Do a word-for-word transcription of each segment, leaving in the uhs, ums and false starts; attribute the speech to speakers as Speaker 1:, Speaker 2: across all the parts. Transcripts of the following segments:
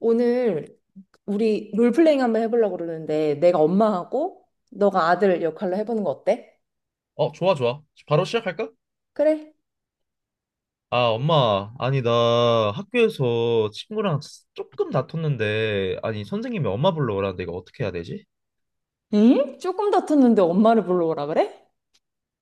Speaker 1: 오늘 우리 롤플레잉 한번 해보려고 그러는데 내가 엄마하고 너가 아들 역할로 해보는 거 어때?
Speaker 2: 어, 좋아, 좋아. 바로 시작할까?
Speaker 1: 그래.
Speaker 2: 아, 엄마. 아니, 나 학교에서 친구랑 조금 다퉜는데, 아니, 선생님이 엄마 불러오라는데 이거 어떻게 해야 되지?
Speaker 1: 응? 조금 다퉜는데 엄마를 불러오라 그래?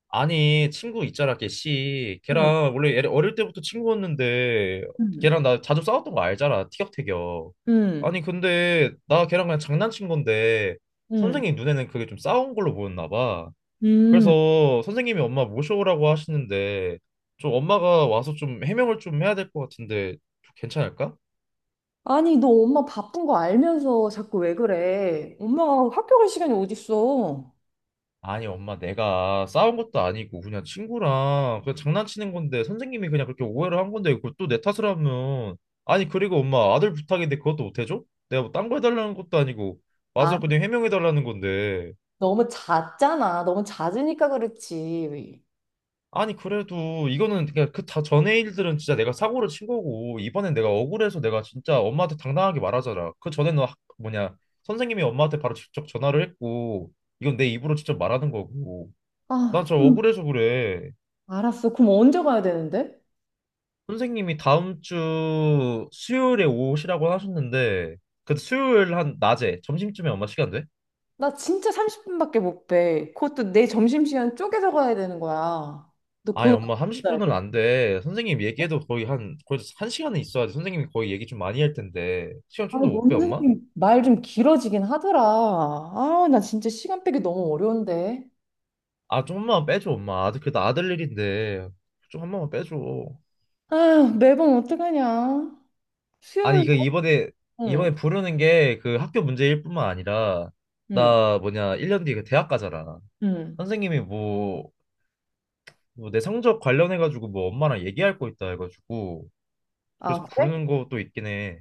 Speaker 2: 아니, 친구 있잖아, 걔 씨.
Speaker 1: 응,
Speaker 2: 걔랑 원래 얘 어릴 때부터 친구였는데,
Speaker 1: 응,
Speaker 2: 걔랑 나 자주 싸웠던 거 알잖아, 티격태격.
Speaker 1: 응.
Speaker 2: 아니, 근데 나 걔랑 그냥 장난친 건데,
Speaker 1: 응,
Speaker 2: 선생님 눈에는 그게 좀 싸운 걸로 보였나 봐.
Speaker 1: 응.
Speaker 2: 그래서 선생님이 엄마 모셔오라고 하시는데 좀 엄마가 와서 좀 해명을 좀 해야 될 것 같은데 좀 괜찮을까?
Speaker 1: 아니 너 엄마 바쁜 거 알면서 자꾸 왜 그래? 엄마가 학교 갈 시간이 어딨어?
Speaker 2: 아니 엄마 내가 싸운 것도 아니고 그냥 친구랑 그냥 장난치는 건데 선생님이 그냥 그렇게 오해를 한 건데 그걸 또 내 탓을 하면. 아니 그리고 엄마 아들 부탁인데 그것도 못 해줘? 내가 뭐 딴 거 해달라는 것도 아니고
Speaker 1: 아
Speaker 2: 와서 그냥 해명해달라는 건데.
Speaker 1: 너무 잦잖아. 너무 잦으니까 그렇지.
Speaker 2: 아니 그래도 이거는 그냥 그다 전의 일들은 진짜 내가 사고를 친 거고 이번엔 내가 억울해서 내가 진짜 엄마한테 당당하게 말하잖아. 그 전에 너 학- 뭐냐 선생님이 엄마한테 바로 직접 전화를 했고 이건 내 입으로 직접 말하는 거고 나
Speaker 1: 아
Speaker 2: 저
Speaker 1: 그럼
Speaker 2: 억울해서 그래.
Speaker 1: 알았어. 그럼 언제 가야 되는데?
Speaker 2: 선생님이 다음 주 수요일에 오시라고 하셨는데 그 수요일 한 낮에 점심쯤에 엄마 시간 돼?
Speaker 1: 나 진짜 삼십 분밖에 못 빼. 그것도 내 점심시간 쪼개서 가야 되는 거야. 너
Speaker 2: 아니
Speaker 1: 그거
Speaker 2: 엄마
Speaker 1: 알아야 돼.
Speaker 2: 삼십 분은 안 돼. 선생님 얘기해도 거의 한 거의 한 시간은 있어야지. 선생님이 거의 얘기 좀 많이 할 텐데 시간
Speaker 1: 아,
Speaker 2: 좀 더 못 빼
Speaker 1: 너무
Speaker 2: 엄마?
Speaker 1: 선생님 말 좀 길어지긴 하더라. 아, 나 진짜 시간 빼기 너무 어려운데.
Speaker 2: 아 좀만 빼줘 엄마 아들 그래도 아들 일인데 좀 한 번만 빼줘.
Speaker 1: 아, 매번 어떡하냐.
Speaker 2: 아니
Speaker 1: 수요일,
Speaker 2: 이거 이번에
Speaker 1: 응,
Speaker 2: 이번에 부르는 게 그 학교 문제일 뿐만 아니라
Speaker 1: 응,
Speaker 2: 나 뭐냐 일 년 뒤에 그 대학 가잖아.
Speaker 1: 응.
Speaker 2: 선생님이 뭐 뭐 내 성적 관련해가지고 뭐 엄마랑 얘기할 거 있다 해가지고 그래서
Speaker 1: 아, 그래?
Speaker 2: 부르는 것도 있긴 해.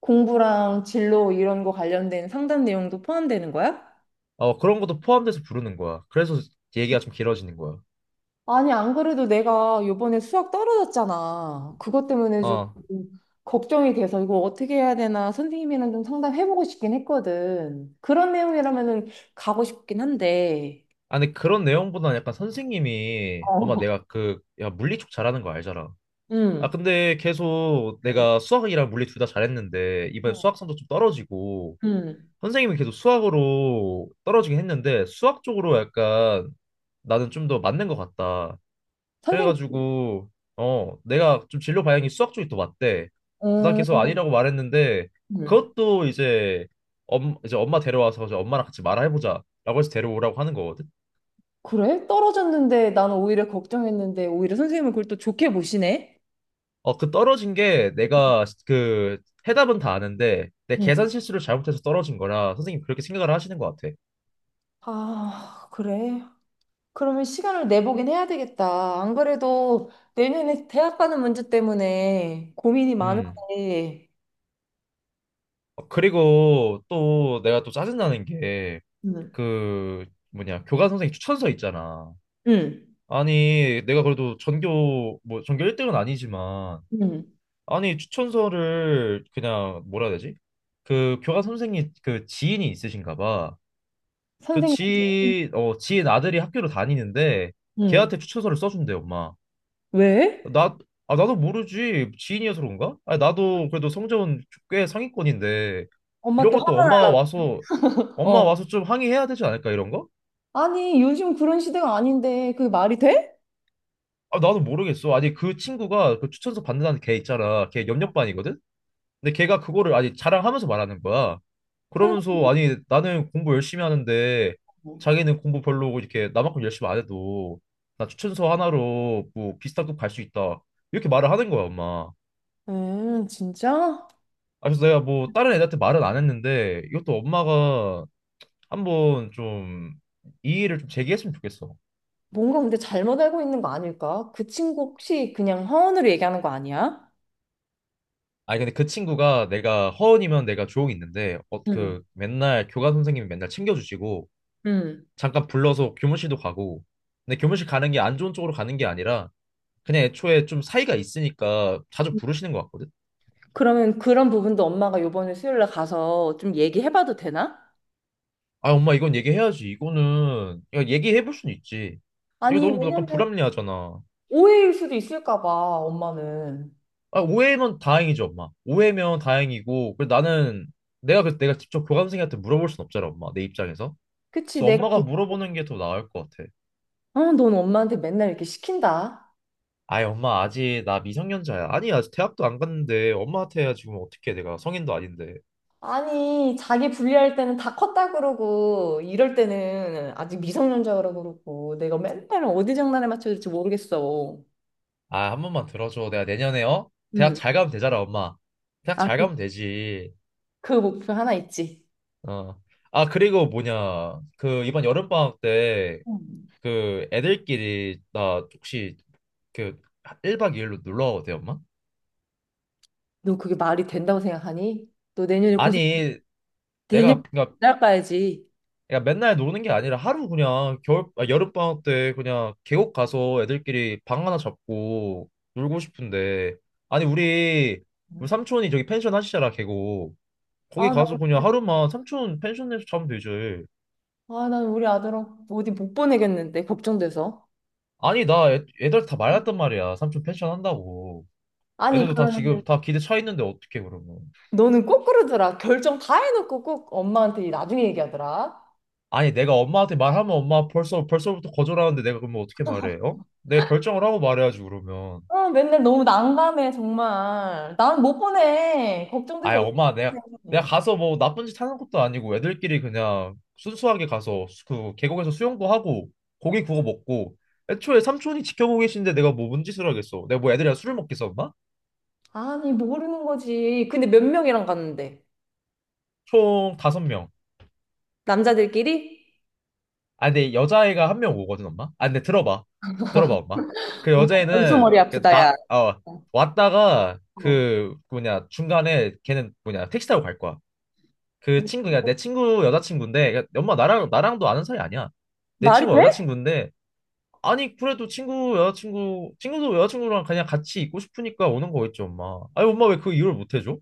Speaker 1: 공부랑 진로 이런 거 관련된 상담 내용도 포함되는 거야?
Speaker 2: 어, 그런 것도 포함돼서 부르는 거야 그래서 얘기가 좀 길어지는 거야.
Speaker 1: 아니, 안 그래도 내가 요번에 수학 떨어졌잖아. 그것 때문에 좀
Speaker 2: 어.
Speaker 1: 걱정이 돼서 이거 어떻게 해야 되나 선생님이랑 좀 상담해보고 싶긴 했거든. 그런 내용이라면은 가고 싶긴 한데.
Speaker 2: 아니 그런 내용보다는 약간 선생님이 엄마
Speaker 1: 어.
Speaker 2: 내가 그 야 물리 쪽 잘하는 거 알잖아. 아,
Speaker 1: 응,
Speaker 2: 근데 계속
Speaker 1: 음.
Speaker 2: 내가 수학이랑 물리 둘 다 잘했는데, 이번에
Speaker 1: 응.
Speaker 2: 수학 성적 좀 떨어지고,
Speaker 1: 응.
Speaker 2: 선생님은 계속 수학으로 떨어지긴 했는데, 수학 쪽으로 약간 나는 좀 더 맞는 것 같다.
Speaker 1: 선생님,
Speaker 2: 그래가지고, 어, 내가 좀 진로 방향이 수학 쪽이 더 맞대. 난 계속
Speaker 1: 음.
Speaker 2: 아니라고 말했는데, 그것도 이제, 엄, 이제 엄마 데려와서 이제 엄마랑 같이 말해보자. 라고 해서 데려오라고 하는 거거든.
Speaker 1: 그래? 떨어졌는데 나는 오히려 걱정했는데 오히려 선생님은 그걸 또 좋게 보시네?
Speaker 2: 어, 그 떨어진 게 내가 그 해답은 다 아는데 내
Speaker 1: 응,
Speaker 2: 계산 실수를 잘못해서 떨어진 거라 선생님 그렇게 생각을 하시는 것 같아.
Speaker 1: 아, 그래? 그러면 시간을 내보긴 해야 되겠다. 안 그래도 내년에 대학 가는 문제 때문에 고민이
Speaker 2: 음.
Speaker 1: 많은데.
Speaker 2: 어, 그리고 또 내가 또 짜증나는 게
Speaker 1: 응.
Speaker 2: 그 뭐냐 교감 선생님 추천서 있잖아.
Speaker 1: 응.
Speaker 2: 아니 내가 그래도 전교 뭐 전교 일 등은 아니지만
Speaker 1: 응.
Speaker 2: 아니 추천서를 그냥 뭐라 해야 되지? 그 교감 선생님 그 지인이 있으신가 봐. 그
Speaker 1: 선생님.
Speaker 2: 지인 어 지인 아들이 학교를 다니는데
Speaker 1: 응.
Speaker 2: 걔한테 추천서를 써준대 엄마.
Speaker 1: 왜?
Speaker 2: 나, 아, 나도 모르지. 지인이어서 그런가? 아, 나도 그래도 성적은 꽤 상위권인데,
Speaker 1: 엄마
Speaker 2: 이런
Speaker 1: 또
Speaker 2: 것도
Speaker 1: 화,
Speaker 2: 엄마 와서, 엄마
Speaker 1: 어.
Speaker 2: 와서 좀 항의해야 되지 않을까, 이런 거?
Speaker 1: 아니, 요즘 그런 시대가 아닌데 그게 말이 돼?
Speaker 2: 아, 나도 모르겠어. 아니, 그 친구가 그 추천서 받는다는 걔 있잖아. 걔 옆옆반이거든? 근데 걔가 그거를 아니, 자랑하면서 말하는 거야. 그러면서,
Speaker 1: 선생님.
Speaker 2: 아니, 나는 공부 열심히 하는데, 자기는 공부 별로고, 이렇게 나만큼 열심히 안 해도, 나 추천서 하나로 뭐 비슷한 급 갈 수 있다. 이렇게 말을 하는 거야, 엄마.
Speaker 1: 음, 진짜?
Speaker 2: 아, 그래서 내가 뭐 다른 애들한테 말은 안 했는데 이것도 엄마가 한번 좀 이의를 좀 제기했으면 좋겠어.
Speaker 1: 뭔가 근데 잘못 알고 있는 거 아닐까? 그 친구 혹시 그냥 허언으로 얘기하는 거 아니야?
Speaker 2: 아니 근데 그 친구가 내가 허언이면 내가 조용히 있는데 어,
Speaker 1: 응.
Speaker 2: 그 맨날 교감 선생님이 맨날 챙겨주시고
Speaker 1: 응.
Speaker 2: 잠깐 불러서 교무실도 가고 근데 교무실 가는 게 안 좋은 쪽으로 가는 게 아니라 그냥 애초에 좀 사이가 있으니까 자주 부르시는 것 같거든.
Speaker 1: 그러면 그런 부분도 엄마가 요번에 수요일 날 가서 좀 얘기해봐도 되나?
Speaker 2: 아 엄마 이건 얘기해야지 이거는 야 얘기해 볼 수는 있지. 이거
Speaker 1: 아니,
Speaker 2: 너무 약간
Speaker 1: 왜냐면
Speaker 2: 불합리하잖아.
Speaker 1: 오해일 수도 있을까 봐, 엄마는.
Speaker 2: 아, 오해면 다행이죠, 엄마. 오해면 다행이고, 그래 나는 내가 그 내가 직접 교감생한테 물어볼 순 없잖아, 엄마. 내 입장에서.
Speaker 1: 그치,
Speaker 2: 그래서
Speaker 1: 내가,
Speaker 2: 엄마가
Speaker 1: 대-
Speaker 2: 물어보는 게 더 나을 것 같아.
Speaker 1: 어, 넌 엄마한테 맨날 이렇게 시킨다.
Speaker 2: 아이, 엄마 아직 나 미성년자야. 아니, 아직 대학도 안 갔는데 엄마한테 지금 어떻게 해, 내가 성인도 아닌데.
Speaker 1: 아니, 자기 불리할 때는 다 컸다 그러고, 이럴 때는 아직 미성년자 그러고 그러고, 내가 맨날 어디 장난에 맞춰야 될지 모르겠어.
Speaker 2: 아, 한 번만 들어줘. 내가 내년에 어? 대학
Speaker 1: 응.
Speaker 2: 잘 가면 되잖아, 엄마. 대학
Speaker 1: 아,
Speaker 2: 잘
Speaker 1: 그,
Speaker 2: 가면 되지.
Speaker 1: 그 목표 하나 있지.
Speaker 2: 어. 아, 그리고 뭐냐. 그 이번 여름방학 때
Speaker 1: 응.
Speaker 2: 그 애들끼리 나 혹시 그 일 박 이 일로 놀러 와도 돼, 엄마?
Speaker 1: 너 그게 말이 된다고 생각하니? 너 내년에 고생,
Speaker 2: 아니
Speaker 1: 내년,
Speaker 2: 내가 그러니까.
Speaker 1: 날 가야지.
Speaker 2: 그러니까 맨날 노는 게 아니라 하루 그냥 겨울 아, 여름방학 때 그냥 계곡 가서 애들끼리 방 하나 잡고 놀고 싶은데. 아니 우리 우리
Speaker 1: 응.
Speaker 2: 삼촌이 저기 펜션 하시잖아 계곡 거기
Speaker 1: 아, 나,
Speaker 2: 가서 그냥 하루만 삼촌 펜션에서 자면 되지.
Speaker 1: 아, 난 우리 아들 어디 못 보내겠는데, 걱정돼서.
Speaker 2: 아니 나 애, 애들 다 말랐단 말이야 삼촌 펜션 한다고
Speaker 1: 아니,
Speaker 2: 애들도 다 지금
Speaker 1: 그러면
Speaker 2: 다 기대 차 있는데 어떻게 그러면.
Speaker 1: 너는 꼭 그러더라. 결정 다 해놓고 꼭 엄마한테 나중에 얘기하더라.
Speaker 2: 아니 내가 엄마한테 말하면 엄마 벌써 벌써부터 거절하는데 내가 그러면 어떻게 말해 어? 내가 결정을 하고 말해야지 그러면.
Speaker 1: 어, 맨날 너무 난감해, 정말. 난 못 보내.
Speaker 2: 아이
Speaker 1: 걱정돼서
Speaker 2: 엄마 내가 내가
Speaker 1: 어떡해.
Speaker 2: 가서 뭐 나쁜 짓 하는 것도 아니고 애들끼리 그냥 순수하게 가서 수- 그 계곡에서 수영도 하고 고기 구워 먹고 애초에 삼촌이 지켜보고 계신데 내가 뭐 뭔 짓을 하겠어 내가 뭐 애들이랑 술을 먹겠어 엄마?
Speaker 1: 아니, 모르는 거지. 근데 몇 명이랑 갔는데?
Speaker 2: 총 다섯 명아.
Speaker 1: 남자들끼리?
Speaker 2: 근데 여자애가 한 명 오거든 엄마 아 근데 들어봐 들어봐 엄마 그
Speaker 1: 엄마 벌써
Speaker 2: 여자애는
Speaker 1: 머리
Speaker 2: 그
Speaker 1: 아프다, 야.
Speaker 2: 나 어 왔다가
Speaker 1: 어.
Speaker 2: 그 그 뭐냐 중간에 걔는 뭐냐 택시 타고 갈 거야. 그 친구가 내 친구 여자친구인데 그러니까 엄마 나랑 나랑도 아는 사이 아니야 내
Speaker 1: 말이
Speaker 2: 친구
Speaker 1: 돼?
Speaker 2: 여자친구인데. 아니 그래도 친구 여자친구 친구도 여자친구랑 그냥 같이 있고 싶으니까 오는 거겠지 엄마. 아니 엄마 왜 그 이유를 못 해줘?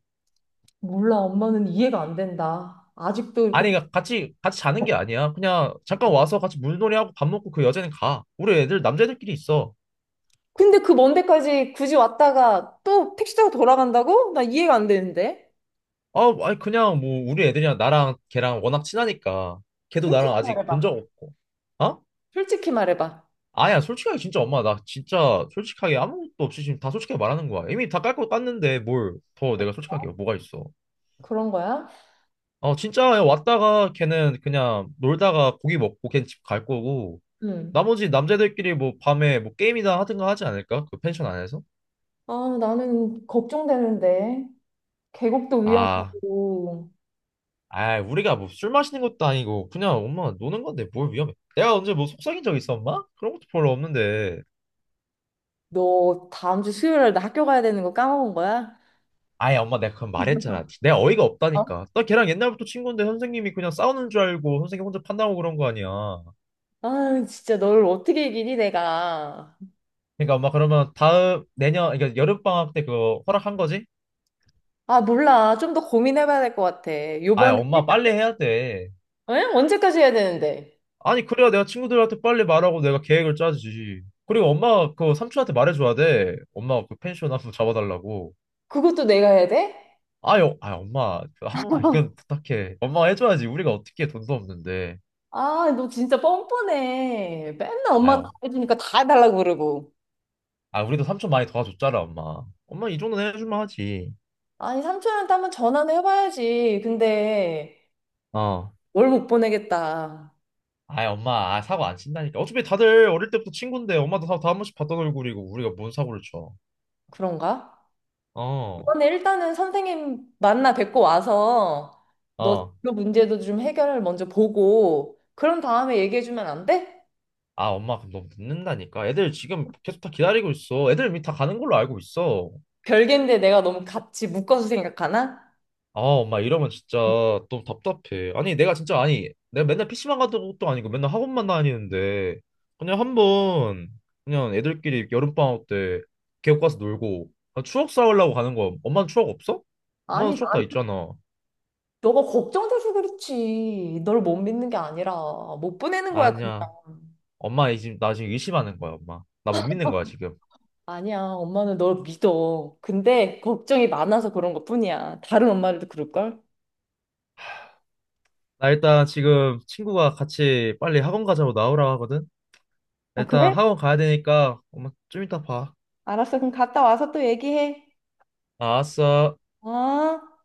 Speaker 1: 몰라, 엄마는 이해가 안 된다. 아직도
Speaker 2: 아니
Speaker 1: 이렇게.
Speaker 2: 그러니까 같이 같이 자는 게 아니야. 그냥 잠깐 와서 같이 물놀이하고 밥 먹고 그 여자는 가. 우리 애들 남자애들끼리 있어.
Speaker 1: 근데 그 먼 데까지 굳이 왔다가 또 택시 타고 돌아간다고? 나 이해가 안 되는데.
Speaker 2: 아 아니 그냥 뭐 우리 애들이랑 나랑 걔랑 워낙 친하니까 걔도
Speaker 1: 솔직히
Speaker 2: 나랑 아직 본 적
Speaker 1: 말해봐.
Speaker 2: 없고. 어?
Speaker 1: 솔직히 말해봐.
Speaker 2: 아니야 솔직하게 진짜 엄마 나 진짜 솔직하게 아무것도 없이 지금 다 솔직하게 말하는 거야. 이미 다 깔고 깠는데 뭘 더 내가 솔직하게 뭐가 있어?
Speaker 1: 그런 거야?
Speaker 2: 어, 진짜 왔다가 걔는 그냥 놀다가 고기 먹고 걔는 집 갈 거고
Speaker 1: 응.
Speaker 2: 나머지 남자들끼리 뭐 밤에 뭐 게임이나 하든가 하지 않을까? 그 펜션 안에서?
Speaker 1: 아, 나는 걱정되는데. 계곡도
Speaker 2: 아,
Speaker 1: 위험하고,
Speaker 2: 아 우리가 뭐 술 마시는 것도 아니고 그냥 엄마 노는 건데 뭘 위험해. 내가 언제 뭐 속삭인 적 있어, 엄마? 그런 것도 별로 없는데.
Speaker 1: 너 다음 주 수요일에 나 학교 가야 되는 거 까먹은 거야?
Speaker 2: 아예 엄마 내가 그건 말했잖아. 내가 어이가
Speaker 1: 어?
Speaker 2: 없다니까. 나 걔랑 옛날부터 친구인데 선생님이 그냥 싸우는 줄 알고 선생님 혼자 판단하고 그런 거 아니야.
Speaker 1: 아, 진짜 너를 어떻게 이기니, 내가.
Speaker 2: 그러니까 엄마 그러면 다음 내년 그러니까 여름방학 때 그거 허락한 거지?
Speaker 1: 아, 몰라. 좀 더 고민해봐야 될 것 같아.
Speaker 2: 아
Speaker 1: 요번에
Speaker 2: 엄마
Speaker 1: 일단,
Speaker 2: 빨리 해야 돼.
Speaker 1: 응? 언제까지 해야 되는데?
Speaker 2: 아니, 그래야 내가 친구들한테 빨리 말하고 내가 계획을 짜지. 그리고 엄마가 그 삼촌한테 말해줘야 돼. 엄마가 그 펜션 한번 잡아달라고.
Speaker 1: 그것도 내가 해야 돼?
Speaker 2: 아유, 아 엄마, 그한 번만 이건 부탁해. 엄마가 해줘야지. 우리가 어떻게 해, 돈도 없는데.
Speaker 1: 아, 너 진짜 뻔뻔해. 맨날 엄마가 다
Speaker 2: 아유,
Speaker 1: 해주니까 다 해달라고 그러고.
Speaker 2: 아, 우리도 삼촌 많이 도와줬잖아, 엄마. 엄마 이 정도는 해줄만 하지.
Speaker 1: 아니, 삼촌한테 한번 전화는 해봐야지. 근데,
Speaker 2: 어.
Speaker 1: 뭘 못 보내겠다.
Speaker 2: 아이, 엄마, 아, 사고 안 친다니까. 어차피 다들 어릴 때부터 친구인데, 엄마도 다, 다한 번씩 봤던 얼굴이고, 우리가 뭔 사고를 쳐.
Speaker 1: 그런가? 이
Speaker 2: 어,
Speaker 1: 번 일단은 선생님 만나 뵙고 와서 너
Speaker 2: 어.
Speaker 1: 그 문제도 좀 해결을 먼저 보고 그런 다음에 얘기해주면 안 돼?
Speaker 2: 아, 엄마, 그럼 너무 늦는다니까. 애들 지금 계속 다 기다리고 있어. 애들 이미 다 가는 걸로 알고 있어.
Speaker 1: 별개인데 내가 너무 같이 묶어서 생각하나?
Speaker 2: 아, 엄마 이러면 진짜 너무 답답해. 아니, 내가 진짜 아니, 내가 맨날 피시방 가던 것도 아니고 맨날 학원만 다니는데 그냥 한번 그냥 애들끼리 여름방학 때 계곡 가서 놀고. 아, 추억 쌓으려고 가는 거. 엄마는 추억 없어? 엄마는
Speaker 1: 아니, 나,
Speaker 2: 추억 다 있잖아.
Speaker 1: 너가 걱정돼서 그렇지. 널 못 믿는 게 아니라 못 보내는 거야, 그냥.
Speaker 2: 아니야. 엄마 이 지금 나 지금 의심하는 거야, 엄마. 나 못 믿는 거야, 지금.
Speaker 1: 아니야, 엄마는 널 믿어. 근데 걱정이 많아서 그런 것뿐이야. 다른 엄마들도 그럴걸?
Speaker 2: 나 일단 지금 친구가 같이 빨리 학원 가자고 나오라고 하거든.
Speaker 1: 아,
Speaker 2: 일단
Speaker 1: 그래?
Speaker 2: 학원 가야 되니까 엄마 좀 이따 봐.
Speaker 1: 알았어. 그럼 갔다 와서 또 얘기해.
Speaker 2: 알았어.
Speaker 1: 어?